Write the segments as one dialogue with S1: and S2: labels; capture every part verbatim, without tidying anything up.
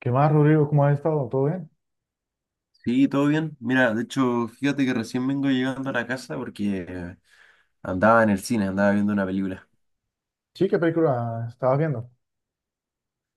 S1: ¿Qué más, Rodrigo? ¿Cómo has estado? ¿Todo bien?
S2: Sí, todo bien. Mira, de hecho, fíjate que recién vengo llegando a la casa porque andaba en el cine, andaba viendo una película.
S1: Sí, ¿qué película estabas viendo?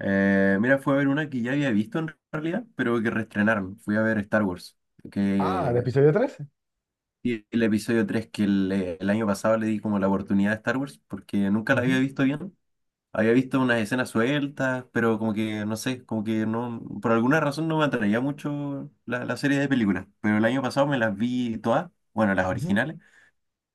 S2: Eh, mira, fui a ver una que ya había visto en realidad, pero que reestrenaron. Fui a ver Star Wars,
S1: Ah, el
S2: que
S1: episodio trece.
S2: y el episodio tres, que el, eh, el año pasado le di como la oportunidad a Star Wars, porque nunca la había
S1: Ujú,
S2: visto bien. Había visto unas escenas sueltas, pero como que, no sé, como que no, por alguna razón no me atraía mucho la, la serie de películas. Pero el año pasado me las vi todas, bueno, las
S1: ujú.
S2: originales.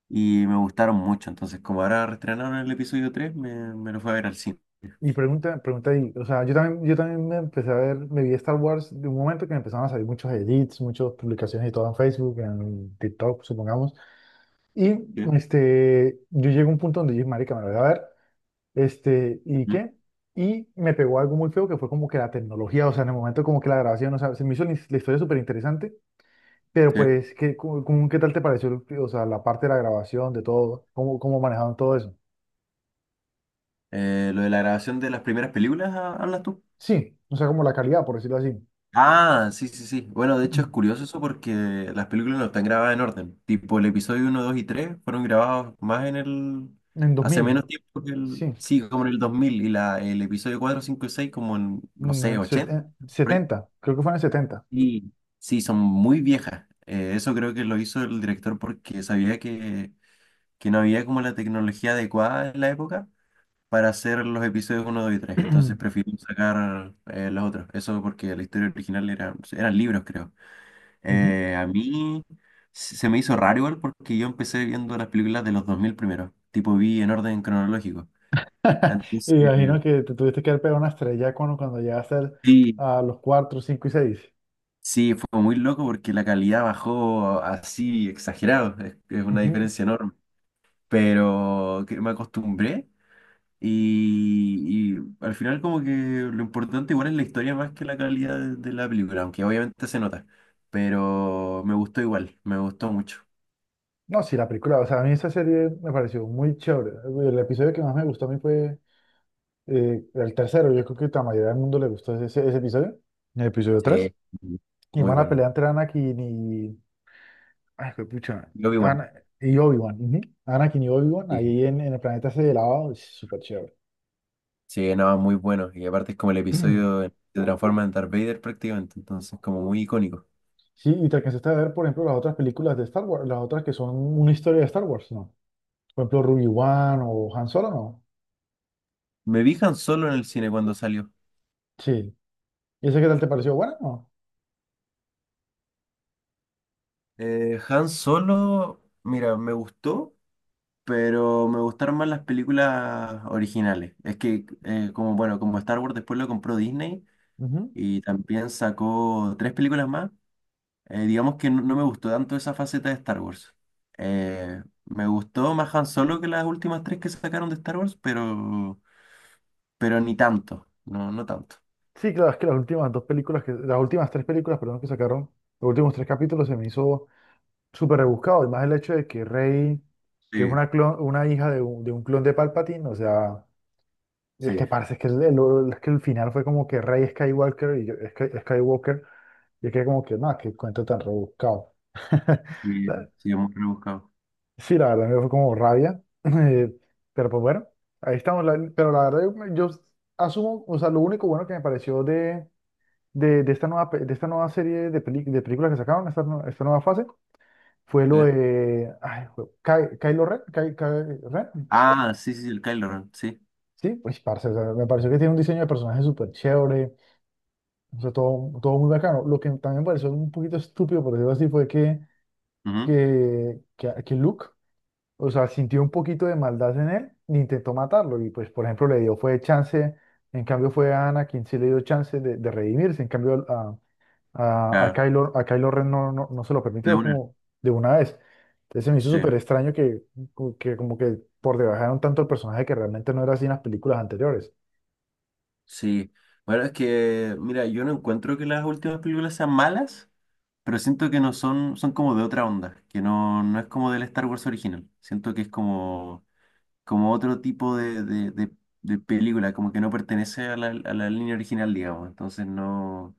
S2: Y me gustaron mucho. Entonces, como ahora reestrenaron el episodio tres, me, me lo fui a ver al cine.
S1: Y pregunta, pregunta ahí, o sea, yo también, yo también me empecé a ver, me vi Star Wars de un momento que me empezaron a salir muchos edits, muchas publicaciones y todo en Facebook, en TikTok, supongamos. Y
S2: Sí.
S1: este, yo llegué a un punto donde dije, marica, me lo voy a ver. Este, ¿y
S2: Mm,
S1: qué? Y me pegó algo muy feo que fue como que la tecnología, o sea, en el momento como que la grabación, o sea, se me hizo la la historia súper interesante. Pero
S2: sí.
S1: pues, ¿qué, cómo- cómo- qué tal te pareció, o sea, la parte de la grabación, de todo? ¿Cómo, cómo manejaron todo eso?
S2: Eh, lo de la grabación de las primeras películas, ah, ¿hablas tú?
S1: Sí, o sea, como la calidad, por decirlo así.
S2: Ah, sí, sí, sí. Bueno, de hecho es curioso eso porque las películas no están grabadas en orden. Tipo, el episodio uno dos y tres fueron grabados más en el...
S1: En
S2: Hace
S1: dos mil,
S2: menos tiempo que el...
S1: sí.
S2: Sí, como en el dos mil y la, el episodio cuatro cinco y seis como en, no
S1: Mm,
S2: sé,
S1: en set-
S2: ochenta
S1: en
S2: por ahí.
S1: setenta, creo que fue en el setenta.
S2: Sí, sí, son muy viejas. Eh, eso creo que lo hizo el director porque sabía que que no había como la tecnología adecuada en la época para hacer los episodios uno dos y tres. Entonces prefiero sacar, eh, los otros. Eso porque la historia original era, eran libros, creo.
S1: Ujú.
S2: Eh, a mí se se me hizo raro igual porque yo empecé viendo las películas de los dos mil primero. Tipo, vi en orden cronológico.
S1: Y
S2: Entonces,
S1: me imagino que te tuviste que haber pegado una estrella cuando, cuando llegaste al-
S2: sí,
S1: a los cuatro cinco y seis.
S2: sí, fue muy loco porque la calidad bajó así exagerado. Es, es una
S1: Ujú.
S2: diferencia enorme. Pero que me acostumbré. Y, y al final como que lo importante igual es la historia más que la calidad de, de la película, aunque obviamente se nota, pero me gustó igual, me gustó mucho.
S1: No, sí, la película, o sea, a mí esa serie me pareció muy chévere. El episodio que más me gustó a mí fue, Eh, el tercero, yo creo que la mayoría del mundo le gustó ese, ese episodio, el episodio tres.
S2: Sí,
S1: Y
S2: muy
S1: van a
S2: bueno.
S1: pelear entre Anakin y... Ay, qué pucha.
S2: Yo vi bueno.
S1: Ana- y Obi-Wan. Ujú. Anakin y Obi-Wan,
S2: Sí,
S1: ahí en, en el planeta ese de lava, es súper chévere.
S2: sí, no, muy bueno. Y aparte es como el episodio en- que se transforma en Darth Vader prácticamente, entonces como muy icónico.
S1: Sí, y te alcanzaste a ver, por ejemplo, las otras películas de Star Wars, las otras que son una historia de Star Wars, ¿no? Por ejemplo, Ruby One o Han Solo, ¿no?
S2: Me vi Han Solo en el cine cuando salió.
S1: Sí. ¿Y ese qué tal te pareció? ¿Buena, o
S2: Eh, Han Solo, mira, me gustó, pero me gustaron más las películas originales. Es que, eh, como bueno, como Star Wars después lo compró Disney
S1: no? Ujú.
S2: y también sacó tres películas más, eh, digamos que no, no me gustó tanto esa faceta de Star Wars. Eh, me gustó más Han Solo que las últimas tres que sacaron de Star Wars, pero, pero ni tanto, no, no tanto.
S1: Sí, claro, es que las últimas dos películas, que, las últimas tres películas, perdón, que sacaron, los últimos tres capítulos se me hizo súper rebuscado, y más el hecho de que Rey, que es
S2: Sí,
S1: una, clon- una hija de un, de un clon de Palpatine, o sea, es
S2: sí,
S1: que parece que el, el- es que el final fue como que Rey Skywalker y yo, Sky- Skywalker, y es que como que, no, qué cuento tan rebuscado.
S2: sí,
S1: La-
S2: sí, es muy rebuscado.
S1: Sí, la verdad me fue como rabia, eh, pero pues bueno, ahí estamos, la- pero la verdad yo, yo asumo, o sea, lo único bueno que me pareció de, de, de esta nueva, pe- de esta nueva serie de, peli- de películas que sacaron, esta, nue- esta nueva fase, fue
S2: Sí.
S1: lo de ay, jue- Ky- Kylo Ren, Ky- Ky- Ren,
S2: Ah, sí, sí, sí, el Kylo Ren, sí.
S1: sí, pues parce, o sea, me pareció que tiene un diseño de personaje súper chévere, o sea, todo, todo muy bacano. Lo que también me pareció un poquito estúpido, por decirlo así, fue que,
S2: Ujú,
S1: que, que, que Luke, o sea, sintió un poquito de maldad en él e intentó matarlo, y pues, por ejemplo, le dio, fue chance, en cambio fue a Ana quien sí le dio chance de, de redimirse, en cambio a, A, a
S2: claro,
S1: Kylo, a Kylo Ren no, no, no se lo
S2: de
S1: permitió,
S2: una,
S1: como de una vez. Entonces se me hizo
S2: sí.
S1: súper extraño que, como que como que por debajaron tanto el personaje que realmente no era así en las películas anteriores.
S2: Sí, bueno, es que, mira, yo no encuentro que las últimas películas sean malas, pero siento que no son, son como de otra onda, que no, no es como del Star Wars original. Siento que es como, como otro tipo de, de, de- de película, como que no pertenece a la, a la línea original, digamos. Entonces no,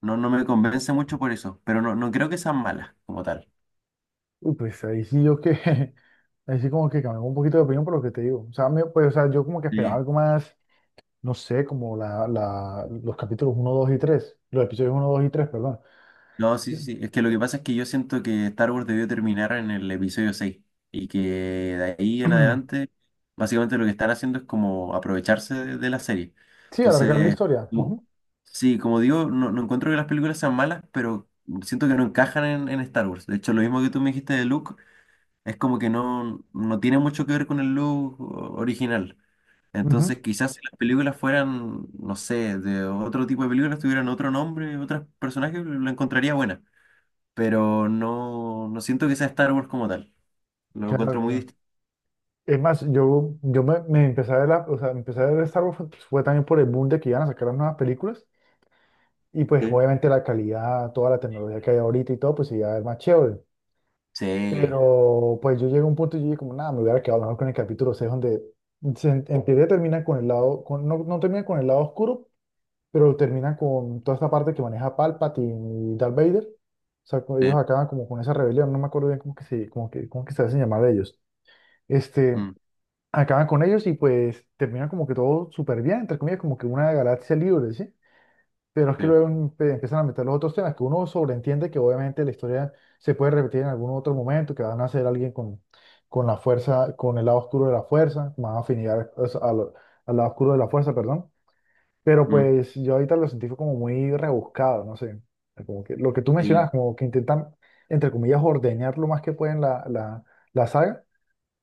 S2: no, no me convence mucho por eso, pero no, no creo que sean malas como tal.
S1: Uy, pues ahí sí yo que, ahí sí como que cambié un poquito de opinión por lo que te digo. O sea, me- pues, o sea, yo como que esperaba algo más, no sé, como la, la, los capítulos uno dos y tres los episodios uno dos y tres, perdón.
S2: No, sí,
S1: Sí,
S2: sí, sí. Es que lo que pasa es que yo siento que Star Wars debió terminar en el episodio seis y que de ahí en adelante, básicamente lo que están haciendo es como aprovecharse de, de la serie.
S1: sí, alargar la
S2: Entonces,
S1: historia. Ujú,
S2: como- sí, como digo, no, no encuentro que las películas sean malas, pero siento que no encajan en, en Star Wars. De hecho, lo mismo que tú me dijiste de Luke, es como que no, no tiene mucho que ver con el Luke o- original.
S1: ujú.
S2: Entonces, quizás si las películas fueran, no sé, de otro tipo de películas, tuvieran otro nombre, otros personajes, lo encontraría buena, pero no, no siento que sea Star Wars como tal. Lo encuentro
S1: Claro,
S2: muy
S1: claro.
S2: distinto.
S1: Es más, yo, yo me, me empecé a ver la, o sea, empecé a ver Star Wars fue, fue también por el boom de que iban a sacar las nuevas películas y pues
S2: Sí,
S1: obviamente la calidad, toda la tecnología que hay ahorita y todo, pues iba a ver más chévere.
S2: sí,
S1: Pero pues yo llegué a un punto y yo dije como, nada, me hubiera quedado mejor con el capítulo seis donde se, en en teoría termina con el lado, con, no, no termina con el lado oscuro, pero termina con toda esta parte que maneja Palpatine y Darth Vader. O sea, como ellos
S2: sí,
S1: acaban como con esa rebelión, no me acuerdo bien cómo que se, como que, cómo que se hacen llamar ellos. Este,
S2: mm,
S1: acaban con ellos y pues terminan como que todo súper bien, entre comillas, como que una galaxia libre, ¿sí? Pero es que
S2: sí,
S1: luego empe- empiezan a meter los otros temas, que uno sobreentiende que obviamente la historia se puede repetir en algún otro momento, que van a ser alguien con, con la fuerza, con el lado oscuro de la fuerza, más afinidad, o sea, al, al lado oscuro de la fuerza, perdón. Pero
S2: mm,
S1: pues yo ahorita lo sentí fue como muy rebuscado, no sé. Como que lo que tú mencionas,
S2: sí,
S1: como que intentan, entre comillas, ordeñar lo más que pueden la, la, la saga,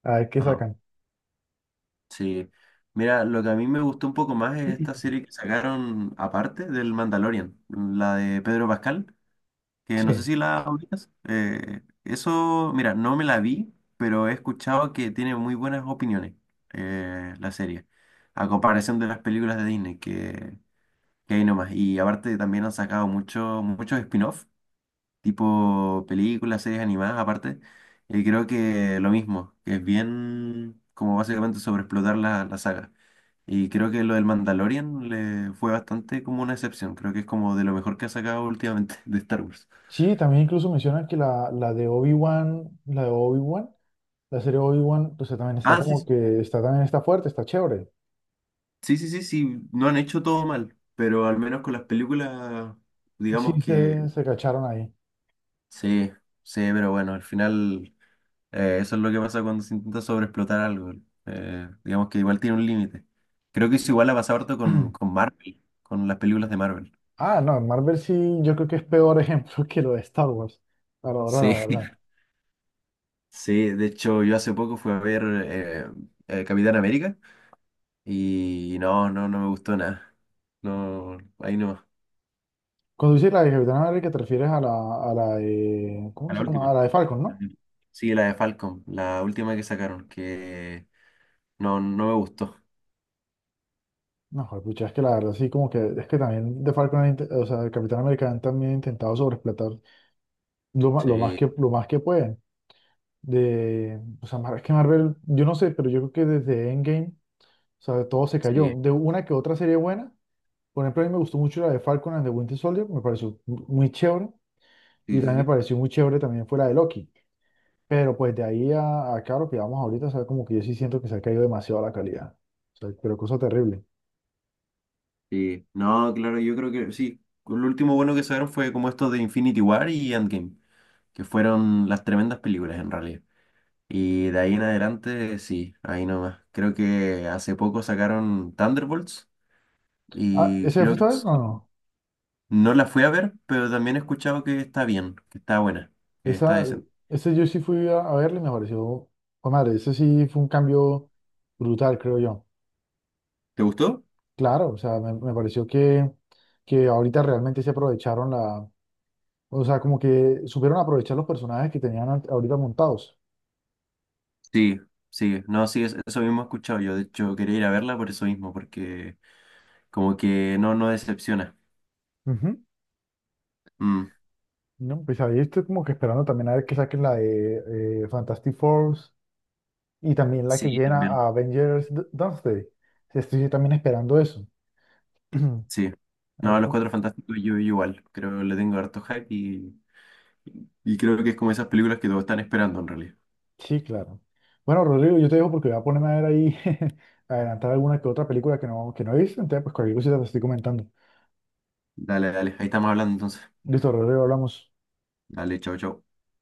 S1: a ver qué
S2: ajá,
S1: sacan.
S2: sí. Mira, lo que a mí me gustó un poco más es esta serie que sacaron aparte del Mandalorian, la de Pedro Pascal, que no sé
S1: Sí.
S2: si la ubicas. Eh, eso, mira, no me la vi, pero he escuchado que tiene muy buenas opiniones, eh, la serie, a comparación de las películas de Disney, que Que hay nomás. Y aparte también han sacado mucho, muchos spin-off, tipo películas, series animadas, aparte. Y creo que lo mismo, que es bien como básicamente sobreexplotar la, la saga. Y creo que lo del Mandalorian le fue bastante como una excepción. Creo que es como de lo mejor que ha sacado últimamente de Star Wars.
S1: Sí, también incluso mencionan que la, la de Obi-Wan, la de Obi-Wan, la serie Obi-Wan, pues también está
S2: Ah,
S1: como
S2: sí,
S1: que está también está fuerte, está chévere.
S2: sí, sí, sí, sí, no han hecho todo mal, pero al menos con las películas,
S1: Sí,
S2: digamos
S1: se,
S2: que
S1: se cacharon ahí.
S2: sí, sí, pero bueno, al final. Eh, eso es lo que pasa cuando se intenta sobreexplotar algo. Eh, digamos que igual tiene un límite. Creo que eso igual ha pasado harto con, con Marvel, con las películas de Marvel.
S1: Ah, no, Marvel sí, yo creo que es peor ejemplo que lo de Star Wars. Para ahora, la
S2: Sí.
S1: verdad.
S2: Sí, de hecho yo hace poco fui a ver eh, eh, Capitán América y no, no, no me gustó nada. No, ahí no.
S1: Cuando dices la de Capitán América, te refieres a la, a la de, ¿cómo
S2: A la
S1: se llama?
S2: última.
S1: A la de Falcon, ¿no?
S2: Ujú. Sí, la de Falcon, la última que sacaron, que no, no me gustó.
S1: No, pucha, es que la verdad sí, como que, es que también de Falcon, han inte- o sea, de Capitán América han también intentado sobreexplotar lo, ma- lo más
S2: Sí,
S1: que, lo más que pueden. De, o sea, Mar- es que Marvel, yo no sé, pero yo creo que desde Endgame, o sea, todo se cayó.
S2: sí,
S1: De una que otra serie buena, por ejemplo, a mí me gustó mucho la de Falcon and the Winter Soldier, me pareció mu- muy chévere, y
S2: sí, sí,
S1: también me
S2: sí.
S1: pareció muy chévere también fue la de Loki. Pero pues de ahí a, a acá lo que vamos ahorita, o sea, como que yo sí siento que se ha caído demasiado la calidad. O sea, pero cosa terrible.
S2: Sí, no, claro, yo creo que sí. Lo último bueno que sacaron fue como esto de Infinity War y Endgame, que fueron las tremendas películas en realidad. Y de ahí en adelante, sí, ahí nomás. Creo que hace poco sacaron Thunderbolts
S1: Ah,
S2: y
S1: ¿ese fue
S2: creo que
S1: esta vez?
S2: es-
S1: No, no.
S2: no la fui a ver, pero también he escuchado que está bien, que está buena, que está
S1: Esa,
S2: decente.
S1: ese yo sí fui a, a verle y me pareció, oh, madre, ese sí fue un cambio brutal, creo yo.
S2: ¿Te gustó?
S1: Claro, o sea, me, me pareció que, que ahorita realmente se aprovecharon la, o sea, como que supieron aprovechar los personajes que tenían ant- ahorita montados.
S2: Sí, sí, no, sí, es- eso mismo he escuchado yo. De hecho, quería ir a verla por eso mismo, porque como que no, no decepciona.
S1: Ujú.
S2: Mm,
S1: ¿No? Pues ahí estoy como que esperando también a ver que saquen la de eh, Fantastic Four y también la que
S2: sí,
S1: llena
S2: también.
S1: a Avengers D- Doomsday. Estoy también esperando eso.
S2: Sí.
S1: A
S2: No,
S1: ver,
S2: Los
S1: cómo-
S2: Cuatro Fantásticos yo igual. Creo que le tengo harto hype y, y creo que es como esas películas que todos están esperando en realidad.
S1: sí, claro. Bueno, Rodrigo, yo te dejo porque voy a ponerme a ver ahí, a adelantar alguna que otra película que no, que no he visto, entonces pues cualquier cosa te estoy comentando.
S2: Dale, dale. Ahí estamos hablando entonces.
S1: Listo, Rodrigo, hablamos.
S2: Dale, chao, chao.